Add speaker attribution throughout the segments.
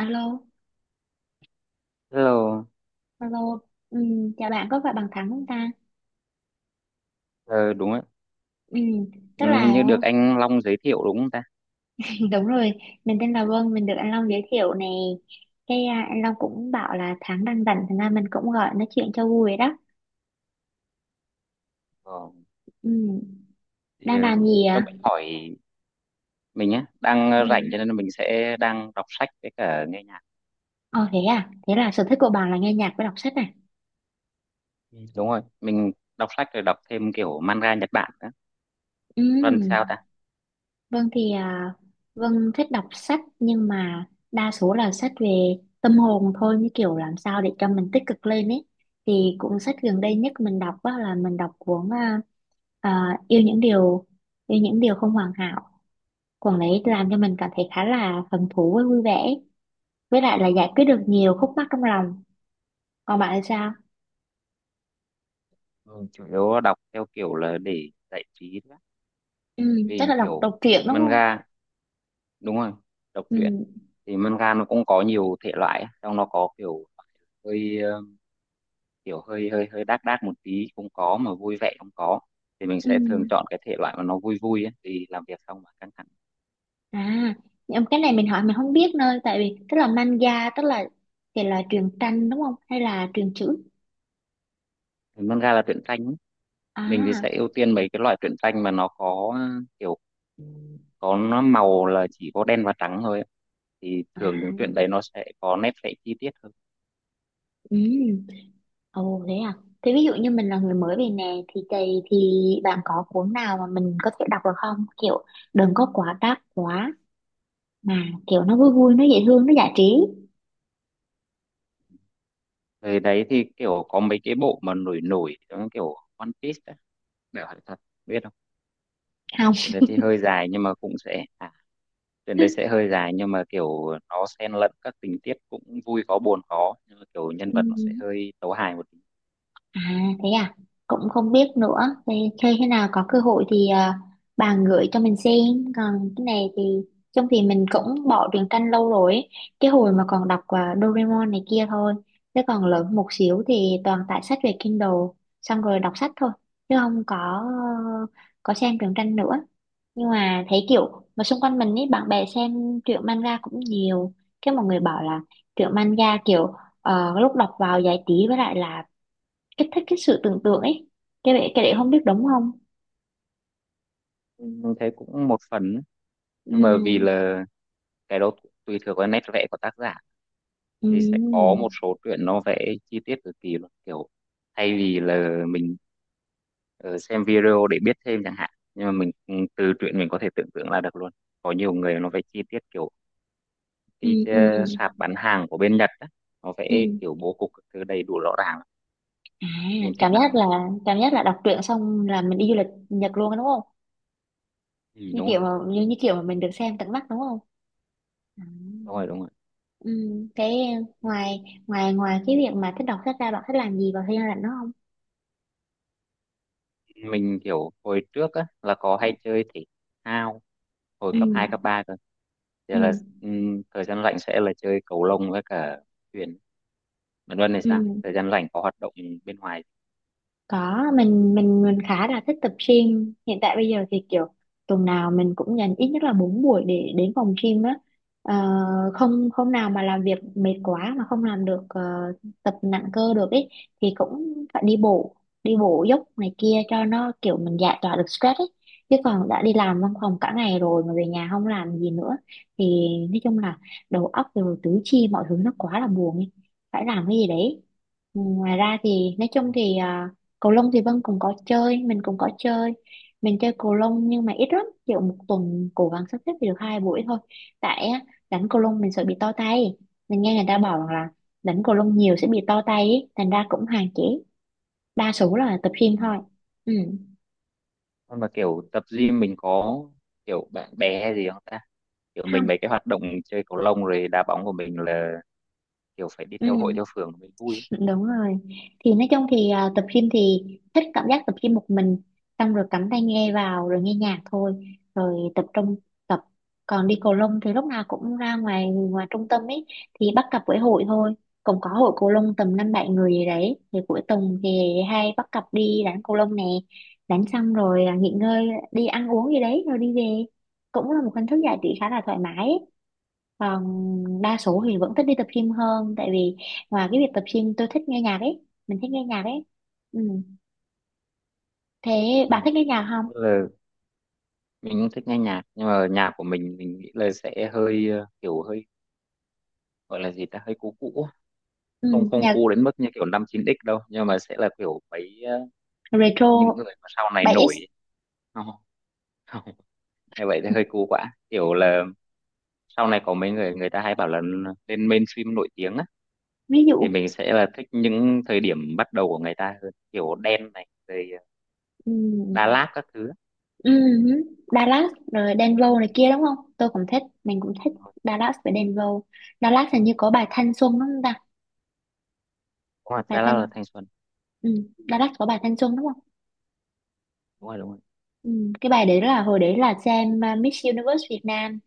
Speaker 1: Alo,
Speaker 2: Hello.
Speaker 1: alo, ừ, chào bạn có phải bằng Thắng không ta?
Speaker 2: Ờ, Đúng ạ.
Speaker 1: Ừ, tức
Speaker 2: Ừ, hình
Speaker 1: là
Speaker 2: như được anh Long giới thiệu đúng không ta?
Speaker 1: đúng rồi, mình tên là Vân, mình được anh Long giới thiệu này. Cái à, anh Long cũng bảo là Thắng đang rảnh, thành ra mình cũng gọi nói chuyện cho vui đó.
Speaker 2: Ờ,
Speaker 1: Ừ,
Speaker 2: thì,
Speaker 1: đang làm gì
Speaker 2: cho
Speaker 1: ạ?
Speaker 2: mình hỏi mình nhé, đang rảnh
Speaker 1: Ừ,
Speaker 2: cho nên mình sẽ đang đọc sách với cả nghe nhạc.
Speaker 1: ồ thế à, thế là sở thích của bạn là nghe nhạc với đọc sách à?
Speaker 2: Ừ. Đúng rồi, mình đọc sách rồi đọc thêm kiểu manga Nhật Bản nữa.
Speaker 1: Ừ,
Speaker 2: Vân thì sao ta?
Speaker 1: Vâng thì Vâng thích đọc sách nhưng mà đa số là sách về tâm hồn thôi như kiểu làm sao để cho mình tích cực lên ấy. Thì cuốn sách gần đây nhất mình đọc á, là mình đọc cuốn à, Yêu những điều yêu những điều không hoàn hảo. Cuốn đấy làm cho mình cảm thấy khá là hứng thú với vui vẻ. Với lại là giải quyết được nhiều khúc mắc trong lòng. Còn bạn thì sao?
Speaker 2: Ừ, chủ yếu đọc theo kiểu là để giải trí thôi á.
Speaker 1: Ừ, chắc
Speaker 2: Vì
Speaker 1: là đọc
Speaker 2: kiểu
Speaker 1: đọc truyện đúng không?
Speaker 2: manga, đúng rồi, đọc
Speaker 1: Ừ,
Speaker 2: truyện. Thì manga nó cũng có nhiều thể loại á, trong nó có kiểu hơi kiểu hơi hơi hơi đác đác một tí không có mà vui vẻ không có, thì mình
Speaker 1: ừ.
Speaker 2: sẽ thường chọn cái thể loại mà nó vui vui ấy, vì làm việc xong mà căng thẳng.
Speaker 1: À, nhưng cái này mình hỏi mình không biết nơi tại vì tức là manga tức là thì là truyện tranh đúng không hay là truyện chữ?
Speaker 2: Thì nôm ra là truyện tranh ấy. Mình thì
Speaker 1: À,
Speaker 2: sẽ ưu tiên mấy cái loại truyện tranh mà nó có kiểu có nó màu là chỉ có đen và trắng thôi ấy. Thì
Speaker 1: à,
Speaker 2: thường những truyện đấy nó sẽ có nét vẽ chi tiết hơn.
Speaker 1: ừ, ồ thế à. Thế ví dụ như mình là người
Speaker 2: Ừ.
Speaker 1: mới về nè thì bạn có cuốn nào mà mình có thể đọc được không? Kiểu đừng có quá đắt quá mà kiểu nó vui vui nó dễ thương nó giải trí
Speaker 2: Về đấy thì kiểu có mấy cái bộ mà nổi nổi giống kiểu One Piece á, để hỏi thật, biết không?
Speaker 1: không?
Speaker 2: Cái đấy thì hơi dài nhưng mà cũng sẽ, à, tuyển đấy sẽ hơi dài nhưng mà kiểu nó xen lẫn các tình tiết cũng vui có buồn có, nhưng mà kiểu nhân
Speaker 1: Ừ.
Speaker 2: vật nó sẽ hơi tấu hài một tí.
Speaker 1: À thế à, cũng không biết nữa. Thế, thế khi nào có cơ hội thì à, bà gửi cho mình xem. Còn cái này thì trong thì mình cũng bỏ truyện tranh lâu rồi ấy. Cái hồi mà còn đọc à, Doraemon này kia thôi. Thế còn lớn một xíu thì toàn tải sách về Kindle, xong rồi đọc sách thôi. Chứ không có có xem truyện tranh nữa. Nhưng mà thấy kiểu mà xung quanh mình ấy bạn bè xem truyện manga cũng nhiều. Cái mọi người bảo là truyện manga kiểu lúc đọc vào giải trí với lại là kích thích cái sự tưởng tượng ấy cái đấy không biết đúng không.
Speaker 2: Mình thấy cũng một phần ấy. Nhưng mà vì
Speaker 1: ừ
Speaker 2: là cái đó tùy thuộc vào nét vẽ của tác giả, thì sẽ có
Speaker 1: ừ
Speaker 2: một số truyện nó vẽ chi tiết cực kỳ luôn, kiểu thay vì là mình ờ, xem video để biết thêm chẳng hạn, nhưng mà mình từ truyện mình có thể tưởng tượng ra được luôn. Có nhiều người nó vẽ chi tiết kiểu
Speaker 1: ừ
Speaker 2: cái
Speaker 1: ừ
Speaker 2: sạp bán hàng của bên Nhật á, nó
Speaker 1: ừ
Speaker 2: vẽ kiểu bố cục các thứ đầy đủ rõ ràng,
Speaker 1: à
Speaker 2: nhìn
Speaker 1: Cảm
Speaker 2: thích mắt
Speaker 1: giác
Speaker 2: lắm.
Speaker 1: là cảm giác là đọc truyện xong là mình đi du lịch Nhật luôn á, đúng không,
Speaker 2: Ừ,
Speaker 1: như
Speaker 2: đúng
Speaker 1: kiểu
Speaker 2: rồi,
Speaker 1: mà như, như kiểu mà mình được xem tận mắt đúng không. à.
Speaker 2: đúng rồi, đúng rồi.
Speaker 1: ừ cái ngoài ngoài ngoài cái việc mà thích đọc sách ra bạn thích làm gì vào thời gian rảnh đó không?
Speaker 2: Mình kiểu hồi trước á là có hay chơi thể thao hồi cấp 2 cấp
Speaker 1: ừ
Speaker 2: 3 cơ, giờ
Speaker 1: ừ
Speaker 2: là thời gian rảnh sẽ là chơi cầu lông với cả thuyền. Bạn Luân này sao,
Speaker 1: ừ
Speaker 2: thời gian rảnh có hoạt động bên ngoài?
Speaker 1: Có, mình khá là thích tập gym. Hiện tại bây giờ thì kiểu tuần nào mình cũng dành ít nhất là 4 buổi để đến phòng gym á. Ờ, không không nào mà làm việc mệt quá mà không làm được tập nặng cơ được ấy thì cũng phải đi bộ dốc này kia cho nó kiểu mình giải tỏa được stress ấy. Chứ còn đã đi làm văn phòng cả ngày rồi mà về nhà không làm gì nữa thì nói chung là đầu óc rồi tứ chi mọi thứ nó quá là buồn ấy. Phải làm cái gì đấy. Ừ, ngoài ra thì nói
Speaker 2: Ừ.
Speaker 1: chung thì cầu lông thì Vân cũng có chơi mình cũng có chơi, mình chơi cầu lông nhưng mà ít lắm kiểu một tuần cố gắng sắp xếp thì được 2 buổi thôi, tại á, đánh cầu lông mình sợ bị to tay, mình nghe người ta bảo rằng là đánh cầu lông nhiều sẽ bị to tay ấy. Thành ra cũng hạn chế, đa số là tập gym
Speaker 2: Ừ.
Speaker 1: thôi. Ừ
Speaker 2: Còn mà kiểu tập gym mình có kiểu bạn bè hay gì không ta, kiểu
Speaker 1: không
Speaker 2: mình mấy cái hoạt động chơi cầu lông rồi đá bóng của mình là kiểu phải đi theo hội
Speaker 1: Ừ,
Speaker 2: theo phường mới vui.
Speaker 1: đúng rồi. Thì nói chung thì à, tập gym thì thích cảm giác tập gym một mình, xong rồi cắm tai nghe vào rồi nghe nhạc thôi, rồi tập trung tập. Còn đi cầu lông thì lúc nào cũng ra ngoài ngoài trung tâm ấy thì bắt cặp với hội thôi, cũng có hội cầu lông tầm năm bảy người gì đấy thì cuối tuần thì hay bắt cặp đi đánh cầu lông nè, đánh xong rồi à, nghỉ ngơi đi ăn uống gì đấy rồi đi về, cũng là một hình thức giải trí khá là thoải mái ấy. Còn đa số thì vẫn thích đi tập gym hơn tại vì ngoài cái việc tập gym tôi thích nghe nhạc ấy, mình thích nghe nhạc ấy. Ừ. Thế bà
Speaker 2: Ừ.
Speaker 1: thích nghe nhạc không?
Speaker 2: Ừ. Mình cũng thích nghe nhạc nhưng mà nhạc của mình nghĩ là sẽ hơi kiểu hơi, gọi là gì ta, hơi cũ cũ.
Speaker 1: Ừ,
Speaker 2: Không không
Speaker 1: nhạc
Speaker 2: cũ đến mức như kiểu năm 9X đâu, nhưng mà sẽ là kiểu mấy những
Speaker 1: retro
Speaker 2: người mà sau này
Speaker 1: 7X
Speaker 2: nổi ấy. Không, không. Như vậy thì hơi cũ quá, kiểu là sau này có mấy người người ta hay bảo là lên mainstream nổi tiếng á,
Speaker 1: ví
Speaker 2: thì
Speaker 1: dụ.
Speaker 2: mình sẽ là thích những thời điểm bắt đầu của người ta hơn, kiểu Đen này rồi
Speaker 1: Ừ.
Speaker 2: Đà Lạt các thứ á.
Speaker 1: Ừ. Dallas rồi Denver
Speaker 2: Ừ.
Speaker 1: này kia đúng không? Tôi cũng thích, mình cũng thích
Speaker 2: Đúng
Speaker 1: Dallas với Denver. Dallas hình như có bài Thanh Xuân đúng không ta?
Speaker 2: rồi,
Speaker 1: Bài
Speaker 2: Đà Lạt
Speaker 1: Thanh,
Speaker 2: là Thanh Xuân.
Speaker 1: ừ. Dallas có bài Thanh Xuân đúng không?
Speaker 2: Đúng rồi, đúng rồi.
Speaker 1: Ừ. Cái bài đấy là hồi đấy là xem Miss Universe Việt Nam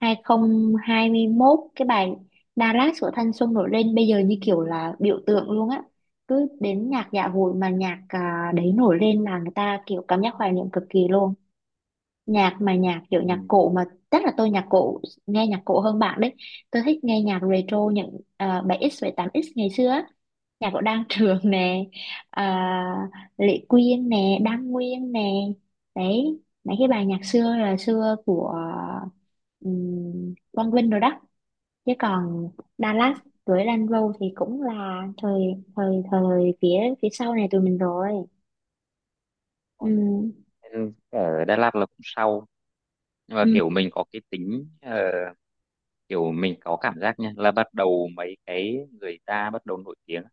Speaker 1: 2021, cái bài Dallas của thanh xuân nổi lên bây giờ như kiểu là biểu tượng luôn á, cứ đến nhạc dạ hội mà nhạc à, đấy nổi lên là người ta kiểu cảm giác hoài niệm cực kỳ luôn. Nhạc mà nhạc kiểu nhạc
Speaker 2: Ừ.
Speaker 1: cổ mà, chắc là tôi nhạc cổ nghe nhạc cổ hơn bạn đấy, tôi thích nghe nhạc retro những à, 7x ngày xưa á, nhà của Đan Trường nè, à, Lệ Quyên nè, Đan Nguyên nè, đấy mấy cái bài nhạc xưa là xưa của Quang Vinh rồi đó. Chứ còn
Speaker 2: Ừ.
Speaker 1: Dallas
Speaker 2: Đúng
Speaker 1: với Lan Râu thì cũng là thời thời thời phía phía sau này tụi mình rồi.
Speaker 2: rồi.
Speaker 1: Ừ
Speaker 2: Nên ở Đà Lạt là cũng sau. Nhưng mà
Speaker 1: ừ
Speaker 2: kiểu mình có cái tính kiểu mình có cảm giác nha, là bắt đầu mấy cái người ta bắt đầu nổi tiếng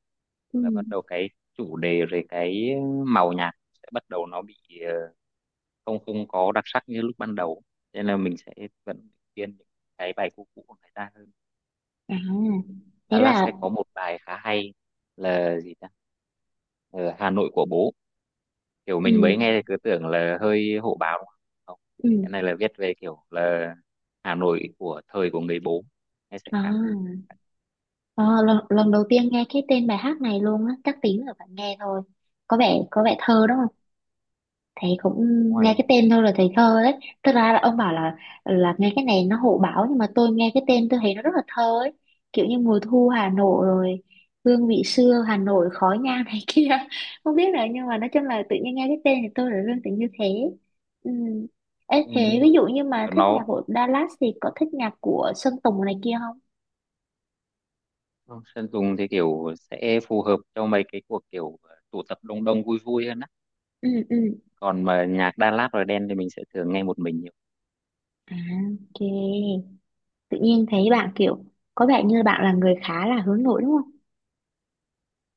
Speaker 1: ừ
Speaker 2: là bắt đầu cái chủ đề rồi cái màu nhạc sẽ bắt đầu nó bị ờ, không không có đặc sắc như lúc ban đầu, nên là mình sẽ vẫn khuyên những cái bài cũ cũ của người ta hơn.
Speaker 1: à thế
Speaker 2: Dallas
Speaker 1: là
Speaker 2: sẽ có một bài khá hay, là gì ta, Ờ, Hà Nội Của Bố, kiểu mình mới
Speaker 1: ừ
Speaker 2: nghe thì cứ tưởng là hơi hổ báo đúng không. Không,
Speaker 1: ừ
Speaker 2: cái này là viết về kiểu là Hà Nội của thời của người bố, nghe sẽ
Speaker 1: à,
Speaker 2: khá vui.
Speaker 1: à lần, Lần đầu tiên nghe cái tên bài hát này luôn á, chắc tí nữa phải nghe thôi, có vẻ thơ đó, thầy cũng
Speaker 2: Đúng rồi,
Speaker 1: nghe
Speaker 2: đúng rồi.
Speaker 1: cái tên thôi là thầy thơ đấy. Thực ra là ông bảo là nghe cái này nó hộ báo nhưng mà tôi nghe cái tên tôi thấy nó rất là thơ ấy, kiểu như mùa thu Hà Nội rồi hương vị xưa Hà Nội khói nhang này kia, không biết là nhưng mà nói chung là tự nhiên nghe cái tên thì tôi là liên tưởng như thế. Ừ. Ê,
Speaker 2: Ừ,
Speaker 1: thế
Speaker 2: đúng
Speaker 1: ví
Speaker 2: rồi.
Speaker 1: dụ như mà
Speaker 2: Kiểu
Speaker 1: thích nhạc
Speaker 2: nó,
Speaker 1: của Dallas thì có thích nhạc của Sơn Tùng này kia không?
Speaker 2: vâng, Sơn Tùng thì kiểu sẽ phù hợp cho mấy cái cuộc kiểu tụ tập đông đông vui vui hơn á,
Speaker 1: ừ ừ
Speaker 2: còn mà nhạc Đà Lạt rồi Đen thì mình sẽ thường nghe một mình nhiều.
Speaker 1: à ok, tự nhiên thấy bạn kiểu có vẻ như bạn là người khá là hướng nội đúng không?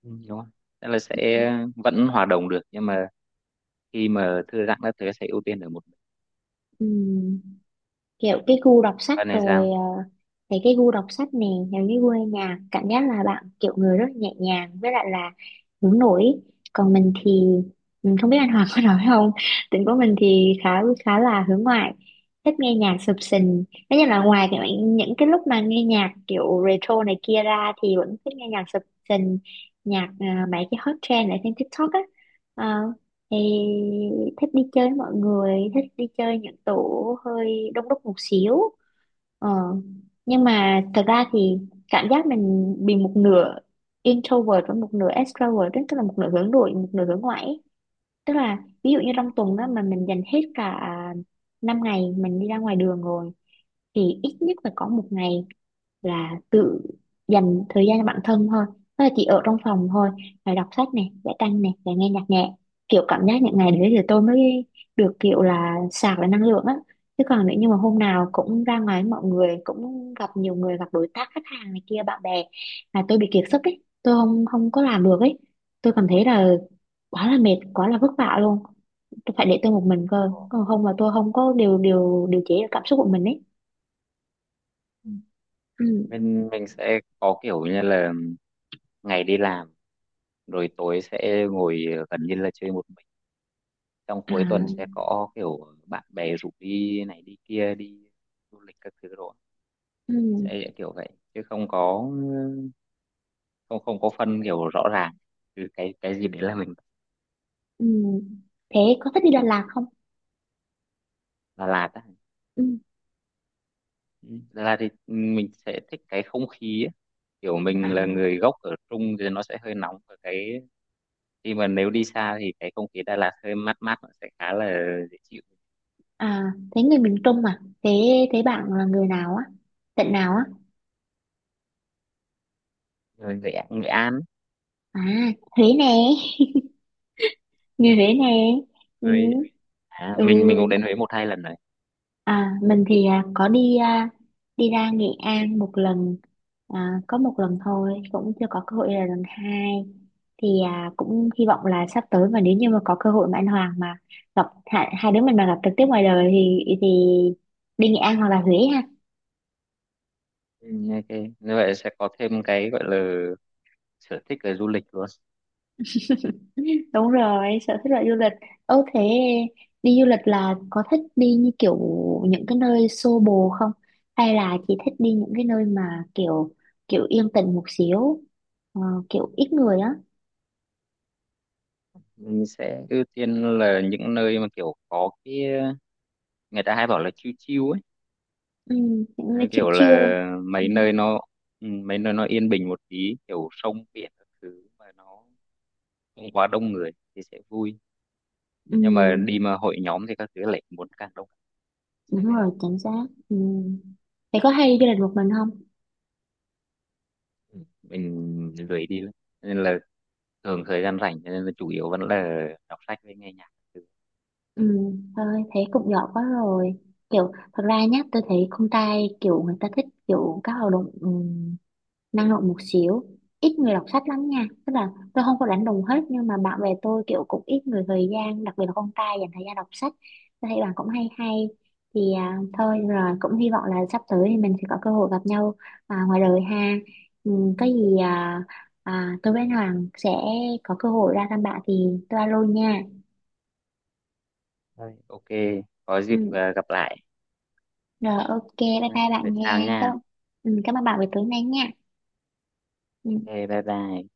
Speaker 2: Ừ, đúng không? Tức là sẽ vẫn hòa đồng được, nhưng mà khi mà thư giãn các thứ sẽ ưu tiên ở một mình.
Speaker 1: Ừ kiểu cái gu đọc sách
Speaker 2: Còn này
Speaker 1: rồi
Speaker 2: sao?
Speaker 1: thấy cái gu đọc sách nè, những cái gu nghe nhạc cảm giác là bạn kiểu người rất nhẹ nhàng với lại là hướng nội. Còn mình thì mình không biết anh Hoàng có nói không, tính của mình thì khá khá là hướng ngoại, thích nghe nhạc sập sình. Tất nhiên là ngoài cái, những cái lúc mà nghe nhạc kiểu retro này kia ra thì vẫn thích nghe nhạc sập sình, nhạc à, mấy cái hot trend ở trên TikTok á. Ờ, Ê, thích đi chơi với mọi người, thích đi chơi những tổ hơi đông đúc một xíu, ờ. Nhưng mà thật ra thì cảm giác mình bị một nửa introvert và một nửa extrovert ấy, tức là một nửa hướng nội một nửa hướng ngoại ấy. Tức là ví dụ như
Speaker 2: Ừ.
Speaker 1: trong tuần đó mà mình dành hết cả 5 ngày mình đi ra ngoài đường rồi thì ít nhất phải có một ngày là tự dành thời gian cho bản thân thôi, tức là chỉ ở trong phòng thôi, là đọc sách này vẽ tranh này và nghe nhạc nhẹ, kiểu cảm giác những ngày đấy thì tôi mới được kiểu là sạc lại năng lượng á. Chứ còn nếu như mà hôm nào cũng ra ngoài với mọi người cũng gặp nhiều người gặp đối tác khách hàng này kia bạn bè là tôi bị kiệt sức ấy, tôi không không có làm được ấy, tôi cảm thấy là quá là mệt quá là vất vả luôn, tôi phải để tôi một mình cơ, còn không là tôi không có điều điều điều chế được cảm xúc của mình ấy.
Speaker 2: Ừ.
Speaker 1: ừ.
Speaker 2: Mình sẽ có kiểu như là ngày đi làm rồi tối sẽ ngồi gần như là chơi một mình, trong
Speaker 1: à
Speaker 2: cuối tuần sẽ có kiểu bạn bè rủ đi này đi kia, đi du lịch các thứ rồi,
Speaker 1: ừ.
Speaker 2: sẽ kiểu vậy, chứ không có, không không có phân kiểu rõ ràng từ cái gì đấy là mình.
Speaker 1: Ừ. Thế có thích đi Đà Lạt không?
Speaker 2: Đà Lạt á?
Speaker 1: Ừ.
Speaker 2: Ừ, Đà Lạt thì mình sẽ thích cái không khí á. Kiểu
Speaker 1: À,
Speaker 2: mình là người gốc ở Trung thì nó sẽ hơi nóng, và cái khi mà nếu đi xa thì cái không khí Đà Lạt hơi mát mát, nó sẽ khá là dễ chịu.
Speaker 1: à, thế người miền Trung à? Thế thế bạn là người nào á? Tận nào á?
Speaker 2: Rồi Nghệ Nghệ An
Speaker 1: À, Huế nè, người
Speaker 2: ấy.
Speaker 1: Huế nè. Ừ.
Speaker 2: Với mình cũng
Speaker 1: ừ.
Speaker 2: đến Huế một hai lần rồi.
Speaker 1: À, mình thì à, có đi à, đi ra Nghệ An một lần, à, có một lần thôi, cũng chưa có cơ hội là lần hai. Thì à, cũng hy vọng là sắp tới mà nếu như mà có cơ hội mà anh Hoàng mà gặp hai, hai đứa mình mà gặp trực tiếp ngoài đời thì đi Nghệ An hoặc là Huế.
Speaker 2: Ừ, ok, như vậy sẽ có thêm cái gọi là sở thích về du lịch luôn.
Speaker 1: Đúng rồi, sở thích là du lịch. Ơ thế đi du lịch là có thích đi như kiểu những cái nơi xô bồ không? Hay là chỉ thích đi những cái nơi mà kiểu kiểu yên tĩnh một xíu, ờ, kiểu ít người á,
Speaker 2: Mình sẽ ưu tiên là những nơi mà kiểu có cái người ta hay bảo là chill chill ấy.
Speaker 1: ừ, những nơi
Speaker 2: Đấy,
Speaker 1: chill
Speaker 2: kiểu
Speaker 1: chill.
Speaker 2: là
Speaker 1: Ừ,
Speaker 2: mấy nơi nó mấy nơi nó yên bình một tí, kiểu sông biển các thứ mà nó không quá đông người thì sẽ vui.
Speaker 1: ừ,
Speaker 2: Nhưng mà đi mà hội nhóm thì các thứ lại muốn càng đông, sẽ
Speaker 1: đúng
Speaker 2: hơi lạ.
Speaker 1: rồi, chính xác. Ừ. Thế có hay đi du lịch một mình không?
Speaker 2: Ừ, mình lười đi lắm. Cho nên là thường thời gian rảnh, cho nên là chủ yếu vẫn là đọc sách với nghe nhạc, các thứ.
Speaker 1: Ừ, thôi thế cũng giỏi quá rồi. Kiểu thật ra nhá, tôi thấy con trai kiểu người ta thích kiểu các hoạt động năng động một xíu, ít người đọc sách lắm nha, tức là tôi không có đánh đồng hết nhưng mà bạn bè tôi kiểu cũng ít người thời gian đặc biệt là con trai dành thời gian đọc sách, tôi thấy bạn cũng hay hay. Thì à, thôi rồi cũng hy vọng là sắp tới thì mình sẽ có cơ hội gặp nhau à, ngoài đời ha, ừ, có gì à, à, tôi với anh Hoàng sẽ có cơ hội ra thăm bạn thì tôi alo nha.
Speaker 2: Thôi, ok, có dịp
Speaker 1: Ừ,
Speaker 2: gặp lại.
Speaker 1: rồi ok bye
Speaker 2: Ừ,
Speaker 1: bye
Speaker 2: vậy
Speaker 1: bạn nha.
Speaker 2: chào
Speaker 1: cảm,
Speaker 2: nha.
Speaker 1: Cảm ơn bạn về tối nay nha. Ừ.
Speaker 2: Ok, bye bye.